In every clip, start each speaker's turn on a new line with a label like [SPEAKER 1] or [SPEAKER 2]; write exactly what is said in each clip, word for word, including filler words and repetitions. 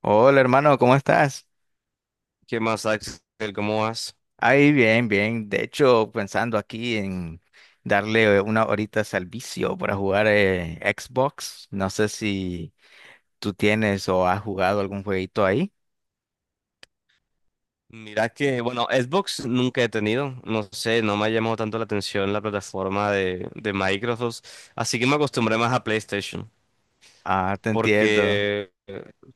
[SPEAKER 1] Hola hermano, ¿cómo estás?
[SPEAKER 2] ¿Qué más, Axel? ¿Cómo vas?
[SPEAKER 1] Ahí bien, bien. De hecho, pensando aquí en darle una horita al vicio para jugar eh, Xbox. No sé si tú tienes o has jugado algún jueguito ahí.
[SPEAKER 2] Mira que, bueno, Xbox nunca he tenido, no sé, no me ha llamado tanto la atención la plataforma de, de Microsoft, así que me acostumbré más a PlayStation,
[SPEAKER 1] Ah, te entiendo.
[SPEAKER 2] porque,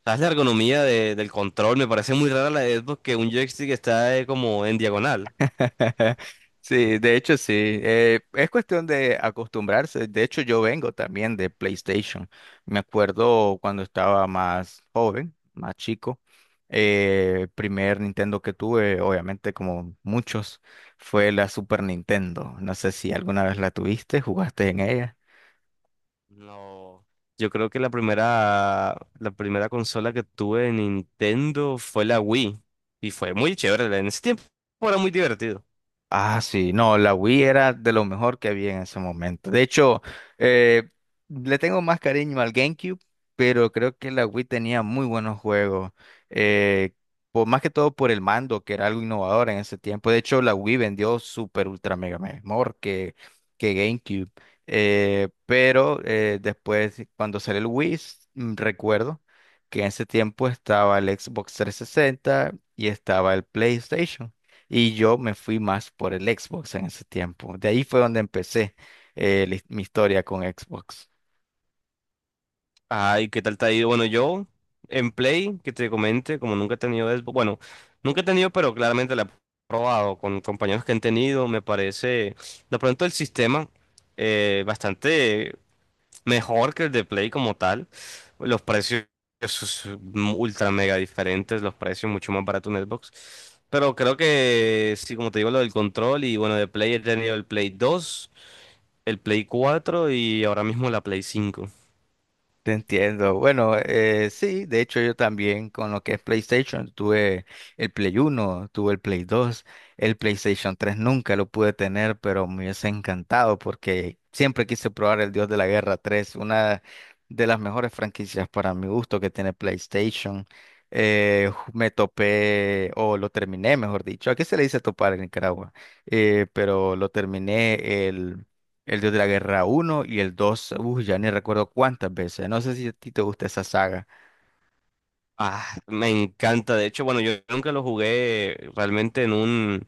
[SPEAKER 2] ¿sabes? La ergonomía de- del control, me parece muy rara la de Xbox que un joystick está eh, como en diagonal.
[SPEAKER 1] Sí, de hecho sí. Eh, es cuestión de acostumbrarse. De hecho, yo vengo también de PlayStation. Me acuerdo cuando estaba más joven, más chico. Eh, primer Nintendo que tuve, obviamente como muchos, fue la Super Nintendo. No sé si alguna vez la tuviste, jugaste en ella.
[SPEAKER 2] No, yo creo que la primera, la primera consola que tuve de Nintendo fue la Wii, y fue muy chévere, en ese tiempo era muy divertido.
[SPEAKER 1] Ah, sí, no, la Wii era de lo mejor que había en ese momento. De hecho, eh, le tengo más cariño al GameCube, pero creo que la Wii tenía muy buenos juegos. eh, por, más que todo por el mando, que era algo innovador en ese tiempo. De hecho, la Wii vendió super ultra mega mejor que, que GameCube. Eh, pero eh, después, cuando salió el Wii, s- mm, recuerdo que en ese tiempo estaba el Xbox trescientos sesenta y estaba el PlayStation. Y yo me fui más por el Xbox en ese tiempo. De ahí fue donde empecé, eh, la his- mi historia con Xbox.
[SPEAKER 2] Ay, ¿qué tal te ha ido? Bueno, yo en Play, que te comente, como nunca he tenido Xbox, bueno, nunca he tenido, pero claramente la he probado con compañeros que han tenido, me parece, de pronto el sistema eh, bastante mejor que el de Play como tal, los precios sus- ultra mega diferentes, los precios mucho más baratos en Xbox, pero creo que sí, como te digo, lo del control y bueno, de Play he tenido el Play dos, el Play cuatro y ahora mismo la Play cinco.
[SPEAKER 1] Te entiendo. Bueno, eh, sí, de hecho yo también con lo que es PlayStation tuve el Play Uno, tuve el Play Dos, el PlayStation tres nunca lo pude tener, pero me hubiese encantado porque siempre quise probar el Dios de la Guerra tres, una de las mejores franquicias para mi gusto que tiene PlayStation. Eh, ju- me topé, o lo terminé, mejor dicho. ¿A qué se le dice topar en Nicaragua? Eh, pero lo terminé el Dios de la Guerra uno y el dos, uh, ya ni recuerdo cuántas veces. No sé si a ti te gusta esa saga.
[SPEAKER 2] Ah, me encanta. De hecho, bueno, yo nunca lo jugué realmente en un,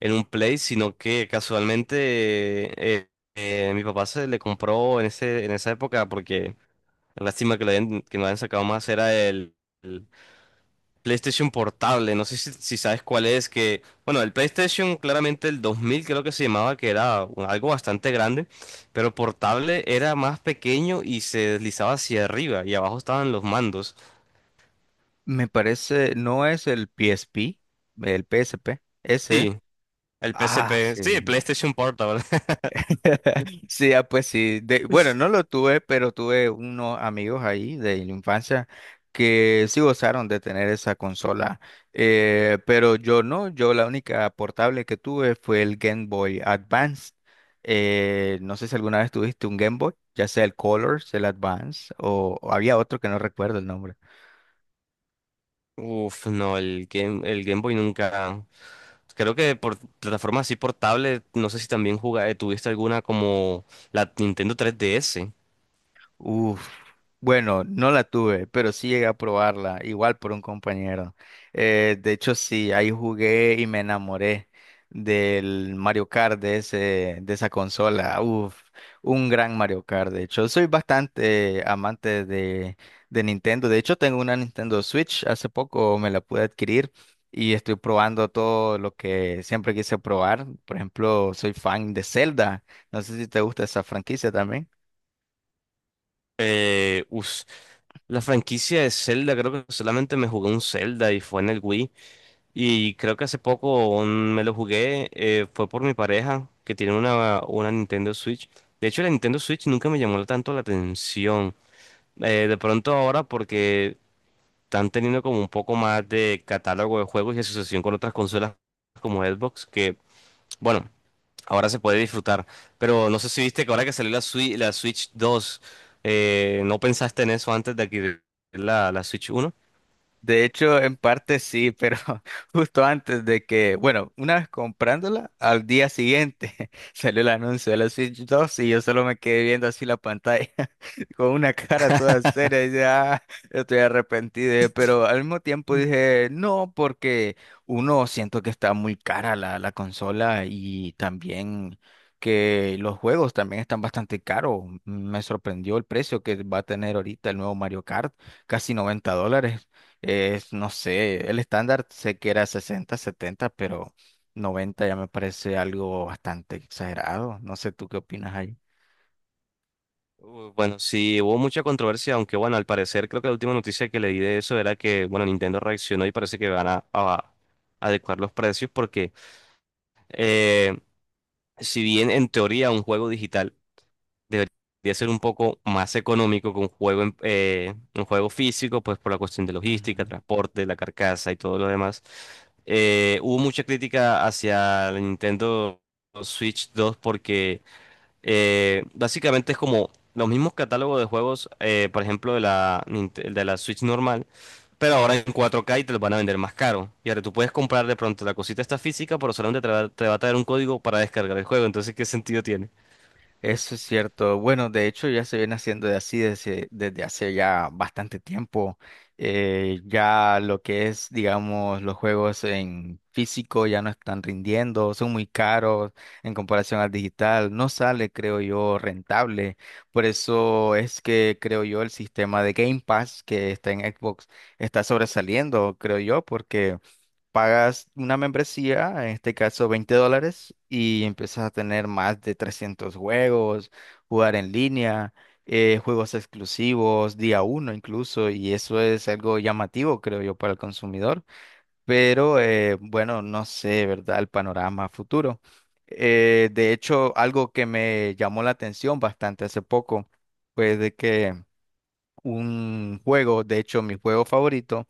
[SPEAKER 2] en un Play, sino que casualmente eh, eh, mi papá se le compró en ese, en esa época, porque lástima que lo hayan, que no hayan sacado más, era el, el PlayStation Portable. No sé si, si sabes cuál es, que, bueno, el PlayStation claramente el dos mil creo que se llamaba, que era un- algo bastante grande, pero portable era más pequeño y se deslizaba hacia arriba y abajo estaban los mandos.
[SPEAKER 1] Me parece, no es el P S P, el P S P, ese.
[SPEAKER 2] Sí. El P S
[SPEAKER 1] Ah,
[SPEAKER 2] P
[SPEAKER 1] sí.
[SPEAKER 2] sí, el PlayStation Portable.
[SPEAKER 1] Sí, ah, pues sí. De- bueno, no lo tuve, pero tuve unos amigos ahí de la infancia que sí gozaron de tener esa consola. Eh, pero yo no, yo la única portable que tuve fue el Game Boy Advance. Eh, no sé si alguna vez tuviste un Game Boy, ya sea el Colors, el Advance, o, o había otro que no recuerdo el nombre.
[SPEAKER 2] Uf, no, el Game, el Game Boy nunca. Creo que por plataformas así portables, no sé si también jugaste, tuviste alguna como la Nintendo tres D S.
[SPEAKER 1] Uf, bueno, no la tuve, pero sí llegué a probarla, igual por un compañero. Eh, de hecho, sí, ahí jugué y me enamoré del Mario Kart de ese, de esa consola. Uf, un gran Mario Kart, de hecho. Soy bastante amante de, de Nintendo. De hecho, tengo una Nintendo Switch, hace poco me la pude adquirir. Y estoy probando todo lo que siempre quise probar. Por ejemplo, soy fan de Zelda. No sé si te gusta esa franquicia también.
[SPEAKER 2] Eh, uf, la franquicia de Zelda, creo que solamente me jugué un Zelda y fue en el Wii. Y creo que hace poco mm, me lo jugué, eh, fue por mi pareja, que tiene una, una Nintendo Switch. De hecho, la Nintendo Switch nunca me llamó tanto la atención. Eh, de pronto ahora, porque están teniendo como un poco más de catálogo de juegos y asociación con otras consolas como Xbox, que bueno, ahora se puede disfrutar. Pero no sé si viste que ahora que salió la Switch, la Switch dos, eh, ¿no pensaste en eso antes de adquirir la, la Switch uno?
[SPEAKER 1] De hecho, en parte sí, pero justo antes de que, bueno, una vez comprándola, al día siguiente salió el anuncio de la Switch dos y yo solo me quedé viendo así la pantalla con una cara toda seria y dije, ah, estoy arrepentido, eh", pero al mismo tiempo dije, no, porque uno siento que está muy cara la, la consola y también que los juegos también están bastante caros. Me sorprendió el precio que va a tener ahorita el nuevo Mario Kart, casi noventa dólares. Es no sé, el estándar sé que era sesenta, setenta, pero noventa ya me parece algo bastante exagerado. No sé, ¿tú qué opinas ahí?
[SPEAKER 2] Uh, Bueno, sí, hubo mucha controversia, aunque bueno, al parecer creo que la última noticia que leí de eso era que, bueno, Nintendo reaccionó y parece que van a, a adecuar los precios porque eh, si bien en teoría un juego digital debería ser un poco más económico que un juego, en- eh, un juego físico, pues por la cuestión de logística, transporte, la carcasa y todo lo demás. Eh, hubo mucha crítica hacia la Nintendo Switch dos porque eh, básicamente es como los mismos catálogos de juegos, eh, por ejemplo, de la, Ninte- de la Switch normal. Pero ahora en cuatro K y te los van a vender más caro. Y ahora tú puedes comprar de pronto la cosita esta física, pero solamente te va, te va a traer un código para descargar el juego. Entonces, ¿qué sentido tiene?
[SPEAKER 1] Eso es cierto. Bueno, de hecho ya se viene haciendo de así desde, desde hace ya bastante tiempo. Eh, ya lo que es, digamos, los juegos en físico ya no están rindiendo, son muy caros en comparación al digital. No sale, creo yo, rentable. Por eso es que creo yo el sistema de Game Pass que está en Xbox está sobresaliendo, creo yo, porque pagas una membresía, en este caso veinte dólares, y empiezas a tener más de trescientos juegos, jugar en línea, eh, juegos exclusivos, día uno incluso, y eso es algo llamativo, creo yo, para el consumidor. Pero eh, bueno, no sé, ¿verdad? El panorama futuro. Eh, de hecho, algo que me llamó la atención bastante hace poco fue de que un juego, de hecho, mi juego favorito,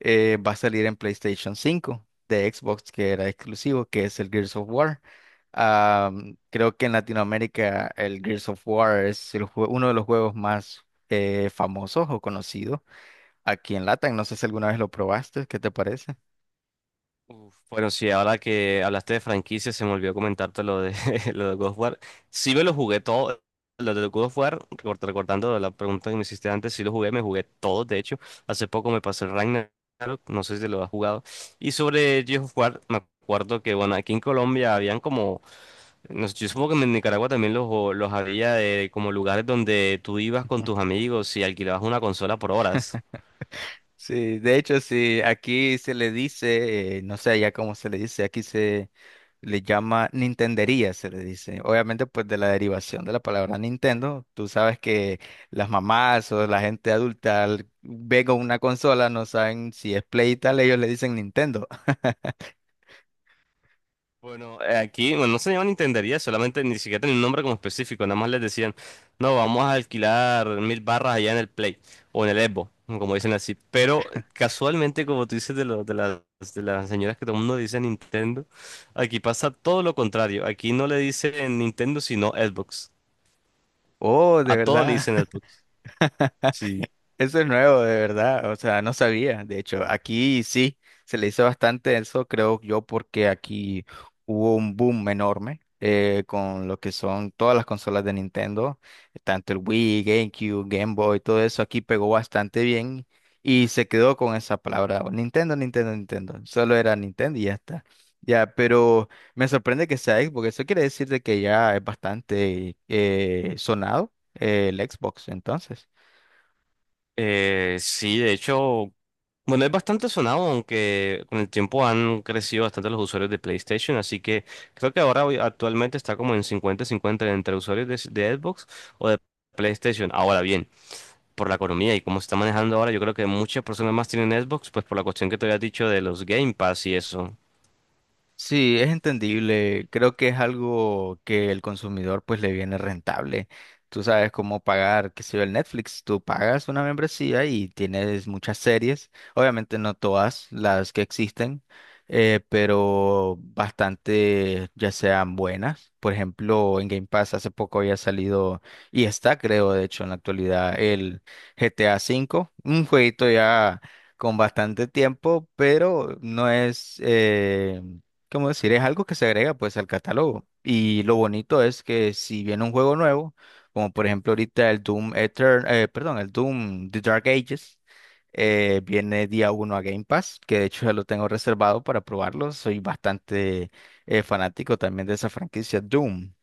[SPEAKER 1] eh, va a salir en PlayStation cinco de Xbox, que era exclusivo, que es el Gears of War. Am, creo que en Latinoamérica el Gears of War es el jue- uno de los juegos más eh, famosos o conocidos aquí en Latam. No sé si alguna vez lo probaste, ¿qué te parece?
[SPEAKER 2] Uf, bueno, sí, ahora que hablaste de franquicias, se me olvidó comentarte lo de, lo de God of War. Sí me lo jugué todo, lo de God of War, recor- recordando la pregunta que me hiciste antes, sí lo jugué, me jugué todo, de hecho. Hace poco me pasé el Ragnarok, no sé si lo has jugado. Y sobre God of War, me acuerdo que, bueno, aquí en Colombia habían como, no sé, yo supongo que en Nicaragua también los, los había de como lugares donde tú ibas con tus amigos y alquilabas una consola por horas.
[SPEAKER 1] Sí, de hecho, sí, aquí se le dice, eh, no sé ya cómo se le dice, aquí se le llama Nintendería, se le dice. Obviamente, pues de la derivación de la palabra Nintendo, tú sabes que las mamás o la gente adulta al- ve con una consola, no saben si es Play y tal, ellos le dicen Nintendo.
[SPEAKER 2] Bueno, eh, aquí, bueno, no se llamaban intendería, solamente ni siquiera tenía un nombre como específico, nada más les decían, no, vamos a alquilar mil barras allá en el Play o en el Expo, como dicen así. Pero eh, casualmente, como tú dices de, lo- de, las, de las señoras que todo el mundo dice Nintendo, aquí pasa todo lo contrario. Aquí no le dicen Nintendo, sino Xbox.
[SPEAKER 1] Oh, de
[SPEAKER 2] A todo le
[SPEAKER 1] verdad.
[SPEAKER 2] dicen Xbox. Sí.
[SPEAKER 1] Eso es nuevo, de verdad. O sea, no sabía. De hecho, aquí sí se le hizo bastante eso, creo yo, porque aquí hubo un boom enorme, eh, con lo que son todas las consolas de Nintendo, tanto el Wii, GameCube, Game Boy, todo eso aquí pegó bastante bien y se quedó con esa palabra, o Nintendo, Nintendo, Nintendo. Solo era Nintendo y ya está. Ya, pero me sorprende que sea Xbox, eso quiere decir de que ya es bastante eh, sonado, eh, el Xbox, entonces.
[SPEAKER 2] Eh, sí, de hecho, bueno, es bastante sonado, aunque con el tiempo han crecido bastante los usuarios de PlayStation, así que creo que ahora hoy- actualmente está como en cincuenta-cincuenta entre usuarios de, de Xbox o de PlayStation. Ahora bien, por la economía y cómo se está manejando ahora, yo creo que muchas personas más tienen Xbox, pues por la cuestión que te había dicho de los Game Pass y eso.
[SPEAKER 1] Sí, es entendible. Creo que es algo que el consumidor pues le viene rentable. Tú sabes cómo pagar, qué sé yo, el Netflix. Tú pagas una membresía y tienes muchas series. Obviamente no todas las que existen, eh, pero bastante ya sean buenas. Por ejemplo, en Game Pass hace poco había salido y está, creo, de hecho, en la actualidad el G T A cinco, un jueguito ya con bastante tiempo, pero no es… eh, ¿cómo decir? Es algo que se agrega pues al catálogo. Y lo bonito es que si viene un juego nuevo, como por ejemplo ahorita el Doom Etern, eh, perdón, el Doom The Dark Ages, eh, viene día uno a Game Pass, que de hecho ya lo tengo reservado para probarlo. Soy bastante eh, fanático también de esa franquicia Doom.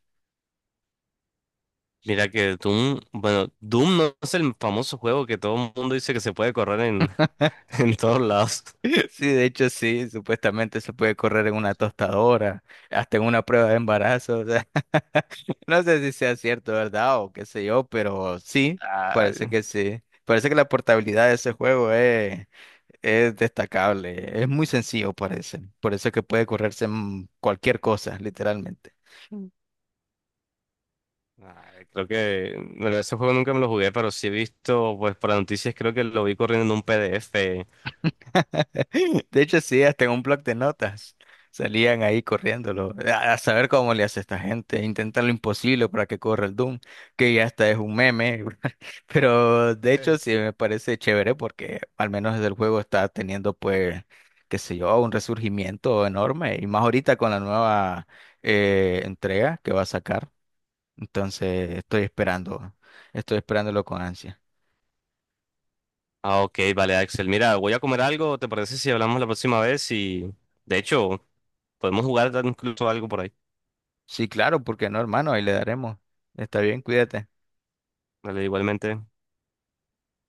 [SPEAKER 2] Mira que Doom, bueno, Doom no es el famoso juego que todo el mundo dice que se puede correr en, en todos lados.
[SPEAKER 1] Sí, de hecho sí, supuestamente se puede correr en una tostadora, hasta en una prueba de embarazo, o sea, no sé si sea cierto, ¿verdad? O qué sé yo, pero sí, parece que sí. Parece que la portabilidad de ese juego es, es destacable, es muy sencillo, parece. Por eso es que puede correrse en cualquier cosa, literalmente.
[SPEAKER 2] Ah, creo que bueno, ese juego nunca me lo jugué, pero sí he visto, pues por las noticias creo que lo vi corriendo en un P D F.
[SPEAKER 1] De hecho, sí, hasta en un blog de notas salían ahí corriéndolo. A, a saber cómo le hace esta gente, intentar lo imposible para que corra el Doom, que ya hasta es un meme. Pero de hecho, sí me parece chévere porque al menos desde el juego está teniendo, pues, qué sé yo, un resurgimiento enorme. Y más ahorita con la nueva eh, entrega que va a sacar. Entonces, estoy esperando, estoy esperándolo con ansia.
[SPEAKER 2] Ah, ok, vale, Axel. Mira, voy a comer algo, ¿te parece si hablamos la próxima vez? Y de hecho, podemos jugar incluso algo por ahí.
[SPEAKER 1] Sí, claro, porque no, hermano, ahí le daremos. Está bien, cuídate.
[SPEAKER 2] Vale, igualmente.